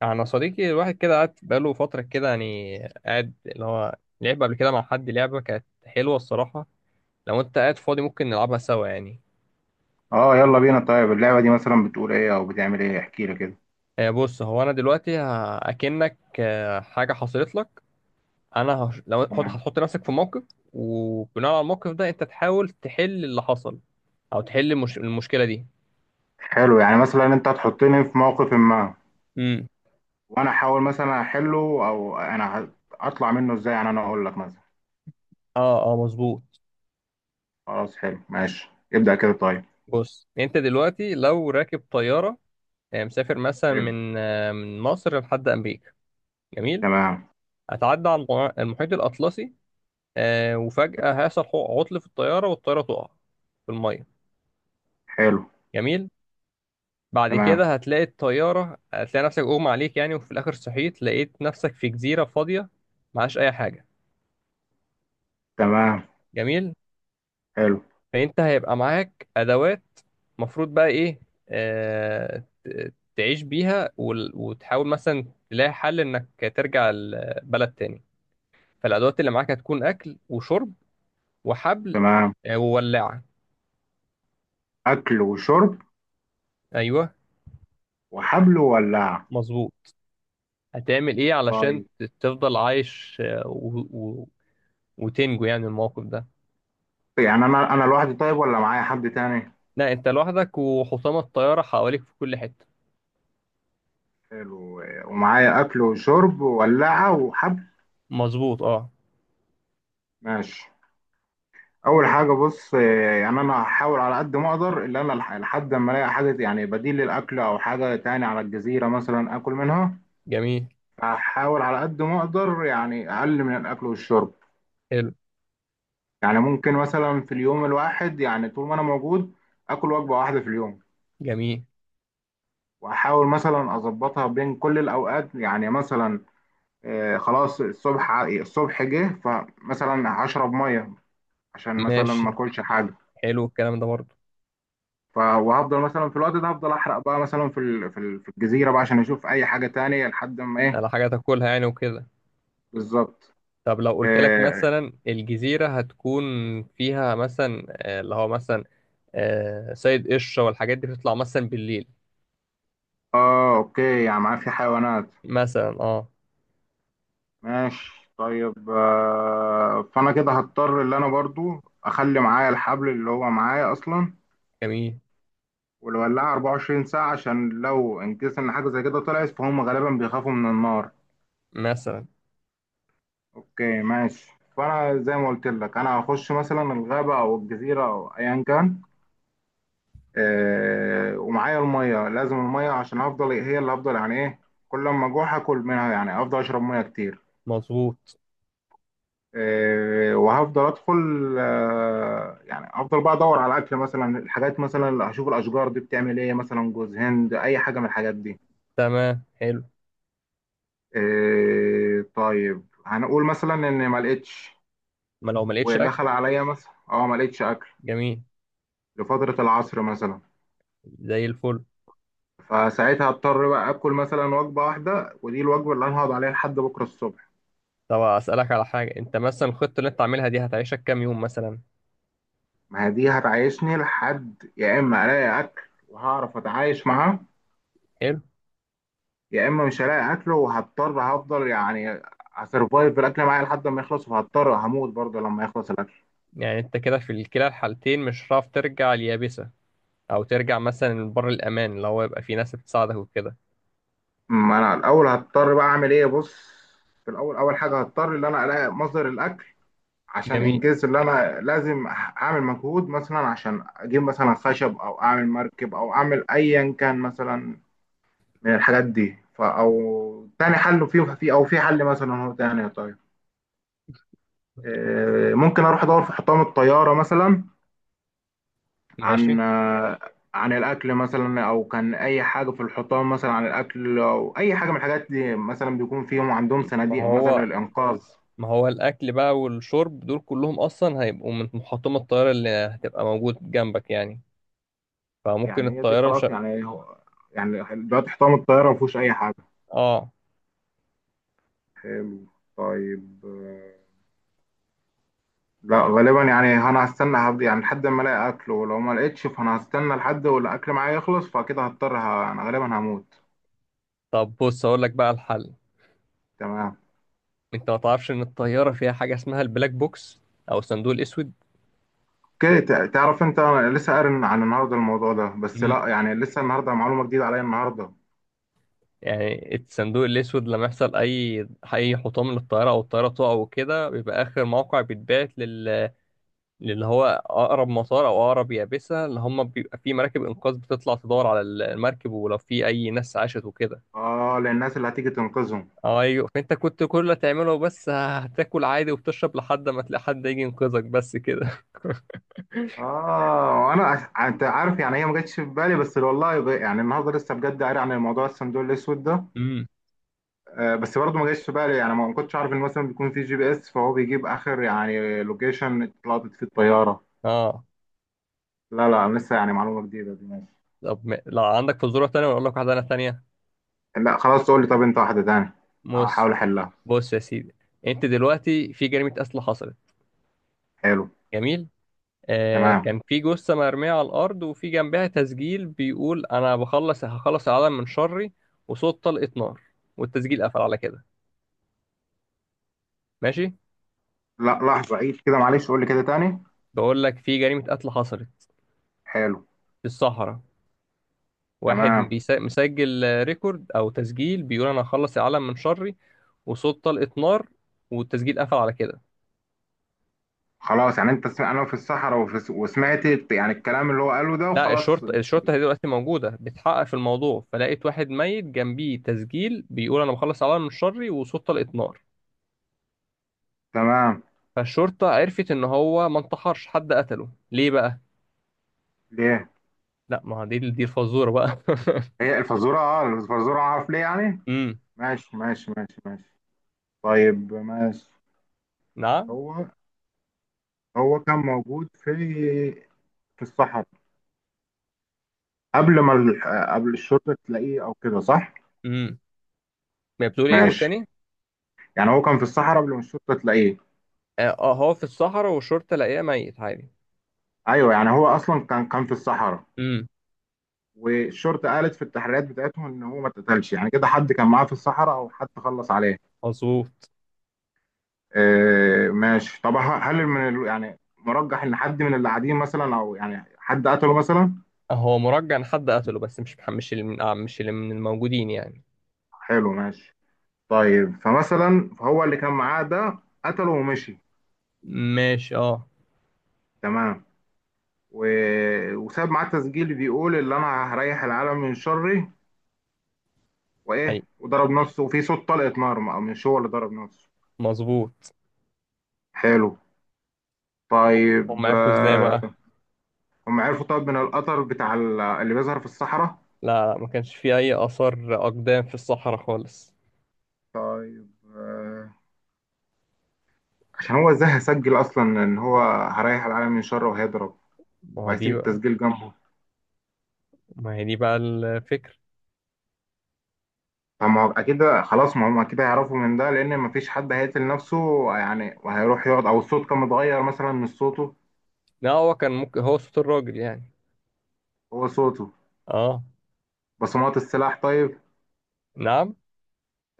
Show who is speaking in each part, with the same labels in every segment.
Speaker 1: يعني انا صديقي الواحد كده قعد بقاله فتره كده يعني قاعد اللي هو لعب قبل كده مع حد لعبه كانت حلوه الصراحه. لو انت قاعد فاضي ممكن نلعبها سوا يعني.
Speaker 2: اه، يلا بينا. طيب اللعبة دي مثلا بتقول ايه او بتعمل ايه؟ احكي لي كده.
Speaker 1: بص، هو انا دلوقتي اكنك حاجه حصلت لك. انا لو هتحط
Speaker 2: تمام.
Speaker 1: هتحط نفسك في موقف، وبناء على الموقف ده انت تحاول تحل اللي حصل، او تحل المشكله دي.
Speaker 2: حلو، يعني مثلا انت هتحطني في موقف ما
Speaker 1: امم.
Speaker 2: وانا احاول مثلا احله، او انا اطلع منه ازاي؟ يعني انا اقول لك مثلا.
Speaker 1: اه اه مظبوط.
Speaker 2: خلاص، حلو ماشي، ابدأ كده طيب.
Speaker 1: بص انت دلوقتي لو راكب طياره، مسافر مثلا
Speaker 2: حلو.
Speaker 1: من مصر لحد امريكا. جميل.
Speaker 2: تمام.
Speaker 1: هتعدي على المحيط الأطلسي، وفجأة هيحصل عطل في الطيارة والطيارة تقع في المية.
Speaker 2: حلو.
Speaker 1: جميل. بعد
Speaker 2: تمام.
Speaker 1: كده هتلاقي الطيارة، هتلاقي نفسك أغمى عليك يعني، وفي الآخر صحيت لقيت نفسك في جزيرة فاضية. معهاش أي حاجة.
Speaker 2: تمام.
Speaker 1: جميل.
Speaker 2: حلو.
Speaker 1: فأنت هيبقى معاك أدوات، مفروض بقى إيه؟ تعيش بيها، وتحاول مثلا تلاقي حل إنك ترجع البلد تاني. فالأدوات اللي معاك هتكون أكل وشرب وحبل،
Speaker 2: تمام.
Speaker 1: وولاعة.
Speaker 2: اكل وشرب
Speaker 1: أيوه
Speaker 2: وحبل وولع؟
Speaker 1: مظبوط. هتعمل ايه علشان
Speaker 2: طيب.
Speaker 1: تفضل عايش، وتنجو يعني من الموقف ده؟
Speaker 2: يعني انا لوحدي، طيب ولا معايا حد تاني؟
Speaker 1: لا، انت لوحدك وحطام الطيارة حواليك في كل حتة.
Speaker 2: حلو، ومعايا اكل وشرب وولعة وحبل.
Speaker 1: مظبوط اه.
Speaker 2: ماشي. اول حاجه بص، يعني انا هحاول على قد ما اقدر، اللي انا لحد ما الاقي حاجه يعني بديل للاكل، او حاجه تاني على الجزيره مثلا اكل منها.
Speaker 1: جميل.
Speaker 2: هحاول على قد ما اقدر يعني اقل من الاكل والشرب.
Speaker 1: حلو.
Speaker 2: يعني ممكن مثلا في اليوم الواحد، يعني طول ما انا موجود، اكل وجبه واحده في اليوم،
Speaker 1: جميل.
Speaker 2: واحاول مثلا اظبطها بين كل الاوقات، يعني مثلا خلاص، الصبح الصبح جه فمثلا هشرب ميه عشان مثلا
Speaker 1: ماشي.
Speaker 2: ما اكلش حاجه.
Speaker 1: حلو الكلام ده برضه.
Speaker 2: وهفضل مثلا في الوقت ده هفضل احرق بقى مثلا في الجزيره بقى عشان اشوف اي حاجه تانية، لحد ما ايه؟
Speaker 1: على حاجة تاكلها يعني وكده.
Speaker 2: بالظبط.
Speaker 1: طب لو قلت لك
Speaker 2: اه،
Speaker 1: مثلا الجزيرة هتكون فيها مثلا، اللي هو مثلا، سيد قشرة والحاجات دي بتطلع مثلا بالليل.
Speaker 2: آه اوكي، يعني معاه في حيوانات.
Speaker 1: مثلا اه.
Speaker 2: ماشي طيب، فانا كده هضطر اللي انا برضو اخلي معايا الحبل اللي هو معايا اصلا،
Speaker 1: جميل.
Speaker 2: والولاعه 24 ساعه، عشان لو ان كيس ان حاجه زي كده طلعت، فهم غالبا بيخافوا من النار.
Speaker 1: مثلا.
Speaker 2: اوكي ماشي. فانا زي ما قلت لك، انا هخش مثلا الغابه او الجزيره او ايا كان، ومعايا الميه، لازم الميه عشان افضل، هي اللي افضل، يعني ايه، كل ما اجوع هاكل منها، يعني افضل اشرب ميه كتير.
Speaker 1: مظبوط.
Speaker 2: وهفضل ادخل، يعني افضل بقى ادور على الاكل مثلا، الحاجات مثلا اللي هشوف الاشجار دي بتعمل ايه، مثلا جوز هند، اي حاجه من الحاجات دي.
Speaker 1: تمام حلو.
Speaker 2: طيب هنقول مثلا ان ما لقيتش،
Speaker 1: ما لو ما لقيتش اكل.
Speaker 2: ودخل عليا مثلا ما لقيتش اكل
Speaker 1: جميل.
Speaker 2: لفتره العصر مثلا.
Speaker 1: زي الفل.
Speaker 2: فساعتها اضطر بقى اكل مثلا وجبه واحده، ودي الوجبه اللي انا هقعد عليها لحد بكره الصبح.
Speaker 1: طب اسالك على حاجه، انت مثلا الخطه اللي انت عاملها دي هتعيشك كام يوم مثلا؟
Speaker 2: ما هي دي هتعيشني لحد يا اما الاقي اكل وهعرف اتعايش معاه،
Speaker 1: حلو.
Speaker 2: يا اما مش هلاقي اكل وهضطر، هفضل يعني هسرفايف بالاكل معايا لحد ما يخلص، وهضطر هموت برضه لما يخلص الاكل.
Speaker 1: يعني انت كده في كلا الحالتين مش هتعرف ترجع اليابسه، او ترجع مثلا بر الامان، اللي هو يبقى في ناس بتساعدك وكده.
Speaker 2: ما انا الاول هضطر بقى اعمل ايه، بص. في الاول اول حاجه هضطر ان انا الاقي مصدر الاكل، عشان
Speaker 1: جميل.
Speaker 2: انجز، اللي انا لازم اعمل مجهود مثلا عشان اجيب مثلا خشب او اعمل مركب او اعمل ايا كان مثلا من الحاجات دي. او تاني حل، فيه، في، او في حل مثلا هو تاني، طيب. ممكن اروح ادور في حطام الطياره مثلا
Speaker 1: ماشي.
Speaker 2: عن آه، عن الاكل مثلا، او كان اي حاجه في الحطام مثلا عن الاكل او اي حاجه من الحاجات دي، مثلا بيكون فيهم عندهم
Speaker 1: ما
Speaker 2: صناديق
Speaker 1: هو
Speaker 2: مثلا للانقاذ.
Speaker 1: ما هو الاكل بقى والشرب دول كلهم اصلا هيبقوا من محطمه الطياره اللي هتبقى موجود جنبك يعني. فممكن
Speaker 2: يعني هي دي
Speaker 1: الطياره مش
Speaker 2: خلاص، يعني هو يعني دلوقتي حطام الطياره ما فيهوش اي حاجه.
Speaker 1: اه.
Speaker 2: حلو. طيب لا، غالبا يعني انا هستنى هبدي يعني لحد ما الاقي اكل، ولو ما لقيتش فانا هستنى لحد والاكل معايا يخلص، فكده هضطر، انا غالبا هموت.
Speaker 1: طب بص اقول لك بقى الحل.
Speaker 2: تمام.
Speaker 1: انت ما تعرفش ان الطياره فيها حاجه اسمها البلاك بوكس، او الصندوق الاسود؟
Speaker 2: اوكي، تعرف انت، انا لسه قارن عن النهارده الموضوع ده، بس لا، يعني لسه النهارده معلومه جديده عليا النهارده.
Speaker 1: يعني الصندوق الأسود لما يحصل أي حطام للطيارة أو الطيارة تقع وكده، بيبقى آخر موقع بيتبعت للي هو أقرب مطار أو أقرب يابسة، اللي هم بيبقى في مراكب إنقاذ بتطلع تدور على المركب ولو في أي ناس عاشت وكده.
Speaker 2: اه، للناس اللي هتيجي تنقذهم.
Speaker 1: أيوة. فأنت كنت كل اللي تعمله بس هتاكل عادي وبتشرب لحد ما تلاقي حد يجي ينقذك بس كده.
Speaker 2: اه، انت عارف، يعني هي ما جاتش في بالي، بس والله، يعني النهارده لسه بجد قاري عن الموضوع، الصندوق الاسود ده.
Speaker 1: امم
Speaker 2: بس برضه ما جاتش في بالي، يعني ما كنتش عارف ان مثلا بيكون في GPS، فهو بيجيب اخر يعني لوكيشن اتلقطت فيه الطياره.
Speaker 1: اه.
Speaker 2: لا لا، لسه يعني معلومه جديده دي، ماشي.
Speaker 1: طب لو عندك فزوره تانية ولا اقول لك واحده انا تانية؟
Speaker 2: لا خلاص، تقول لي، طب انت واحده تاني،
Speaker 1: بص
Speaker 2: احاول احلها.
Speaker 1: بص يا سيدي، انت دلوقتي في جريمه قتل حصلت.
Speaker 2: حلو.
Speaker 1: جميل.
Speaker 2: تمام.
Speaker 1: كان في جثة مرمية على الأرض، وفي جنبها تسجيل بيقول: أنا هخلص العالم من شري، وصوت طلقة نار، والتسجيل قفل على كده. ماشي.
Speaker 2: لا لحظه، عيد كده معلش، قول لي كده تاني.
Speaker 1: بقول لك في جريمة قتل حصلت
Speaker 2: حلو.
Speaker 1: في الصحراء. واحد
Speaker 2: تمام.
Speaker 1: مسجل ريكورد أو تسجيل بيقول: أنا هخلص العالم من شري، وصوت طلقة نار، والتسجيل قفل على كده.
Speaker 2: خلاص، يعني انا في الصحراء، وسمعت يعني الكلام اللي هو قاله ده،
Speaker 1: لا،
Speaker 2: وخلاص.
Speaker 1: الشرطة هي دلوقتي موجودة بتحقق في الموضوع، فلقيت واحد ميت جنبيه تسجيل بيقول أنا بخلص العالم من شري وصوت طلقة نار.
Speaker 2: تمام.
Speaker 1: فالشرطة عرفت إن هو ما انتحرش، حد قتله. ليه بقى؟
Speaker 2: ليه؟
Speaker 1: لا، ما هو دي الفزورة بقى.
Speaker 2: هي الفزوره، اه الفزوره اعرف ليه يعني.
Speaker 1: امم.
Speaker 2: ماشي ماشي ماشي ماشي. طيب ماشي.
Speaker 1: نعم.
Speaker 2: هو هو كان موجود في الصحراء، قبل ما ال... قبل الشرطه تلاقيه، او كده، صح؟
Speaker 1: امم. ما بتقول إيه؟ قول
Speaker 2: ماشي،
Speaker 1: تاني؟
Speaker 2: يعني هو كان في الصحراء قبل ما الشرطه تلاقيه.
Speaker 1: هو في الصحراء والشرطة لاقيه ميت عادي.
Speaker 2: ايوه، يعني هو اصلا كان في الصحراء.
Speaker 1: امم.
Speaker 2: والشرطه قالت في التحريات بتاعتهم ان هو ما اتقتلش، يعني كده حد كان معاه في الصحراء او حد خلص عليه.
Speaker 1: مظبوط.
Speaker 2: آه ماشي. طب هل يعني مرجح ان حد من اللي قاعدين مثلا، او يعني حد قتله مثلا؟
Speaker 1: هو مرجع إن حد قتله، بس مش اللي من مش اللي من الموجودين يعني.
Speaker 2: حلو ماشي. طيب فمثلا، فهو اللي كان معاه ده قتله ومشي.
Speaker 1: ماشي اه.
Speaker 2: تمام. و... وساب معاه تسجيل بيقول اللي انا هريح العالم من شره،
Speaker 1: أي.
Speaker 2: وايه، وضرب نفسه وفي صوت طلقة نار، مش هو اللي ضرب نفسه.
Speaker 1: مظبوط.
Speaker 2: حلو.
Speaker 1: هم
Speaker 2: طيب
Speaker 1: عرفوا إزاي بقى؟
Speaker 2: هم عرفوا، طب من القطر بتاع اللي بيظهر في الصحراء.
Speaker 1: لا لا، ما كانش في أي آثار أقدام في الصحراء خالص.
Speaker 2: طيب عشان هو ازاي هيسجل اصلا ان هو هريح العالم من شره وهيضرب،
Speaker 1: ما هو
Speaker 2: وهيسيب
Speaker 1: دي بقى.
Speaker 2: التسجيل جنبه؟
Speaker 1: ما هي دي بقى الفكرة.
Speaker 2: فما هو اكيد، خلاص ما هم اكيد هيعرفوا من ده، لان ما فيش حد هيقتل نفسه يعني وهيروح يقعد، او الصوت كان متغير مثلا من صوته.
Speaker 1: لا، هو كان ممكن هو صوت الراجل يعني.
Speaker 2: هو صوته.
Speaker 1: اه.
Speaker 2: بصمات السلاح؟ طيب،
Speaker 1: نعم.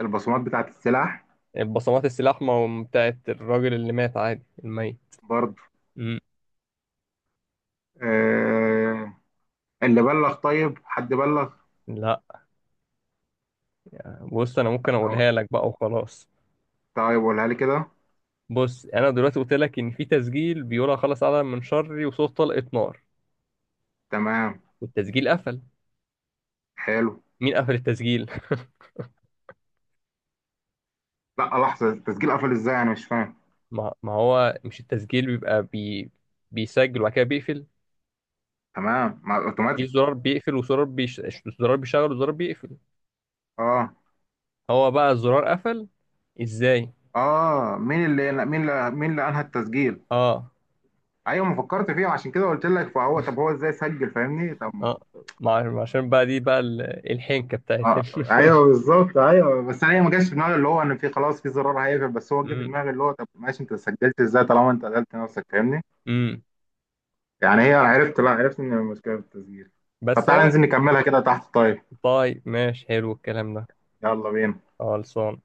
Speaker 2: البصمات بتاعت السلاح؟
Speaker 1: البصمات السلاح ما هم بتاعت الراجل اللي مات عادي الميت.
Speaker 2: برضه.
Speaker 1: مم.
Speaker 2: آه اللي بلغ؟ طيب حد بلغ؟
Speaker 1: لا، بص انا ممكن
Speaker 2: أو-
Speaker 1: اقولها لك بقى وخلاص.
Speaker 2: طيب قولها لي كده.
Speaker 1: بص، انا دلوقتي قلت لك ان في تسجيل بيقول خلاص على من شري، وصوت طلقة نار،
Speaker 2: تمام.
Speaker 1: والتسجيل قفل.
Speaker 2: حلو.
Speaker 1: مين قفل التسجيل؟
Speaker 2: لا لحظة، التسجيل قفل ازاي؟ انا مش فاهم.
Speaker 1: ما هو مش التسجيل بيبقى بيسجل وبعد كده بيقفل.
Speaker 2: تمام، مع
Speaker 1: في
Speaker 2: اوتوماتيك.
Speaker 1: زرار بيقفل وزرار زرار بيشغل وزرار بيقفل.
Speaker 2: اه،
Speaker 1: هو بقى الزرار قفل ازاي؟
Speaker 2: اه مين اللي، مين اللي انهى التسجيل؟
Speaker 1: اه
Speaker 2: ايوه، ما فكرت فيها، عشان كده قلت لك. فهو طب هو ازاي سجل فاهمني؟ طب ما،
Speaker 1: اه عشان بقى دي بقى الحنكة بتاعت
Speaker 2: آه ايوه بالظبط، ايوه. بس انا ما جاش في دماغي اللي هو ان في، خلاص، في زرار هيقفل، بس هو جه في
Speaker 1: مم.
Speaker 2: دماغي اللي هو طب ماشي، انت سجلت ازاي طالما انت قتلت نفسك، فاهمني.
Speaker 1: امم.
Speaker 2: يعني هي عرفت، لا عرفت ان المشكله في التسجيل. طب
Speaker 1: بس
Speaker 2: تعالى
Speaker 1: هو
Speaker 2: ننزل نكملها كده تحت، طيب.
Speaker 1: طيب ماشي. حلو الكلام ده.
Speaker 2: يلا بينا.
Speaker 1: خلصان.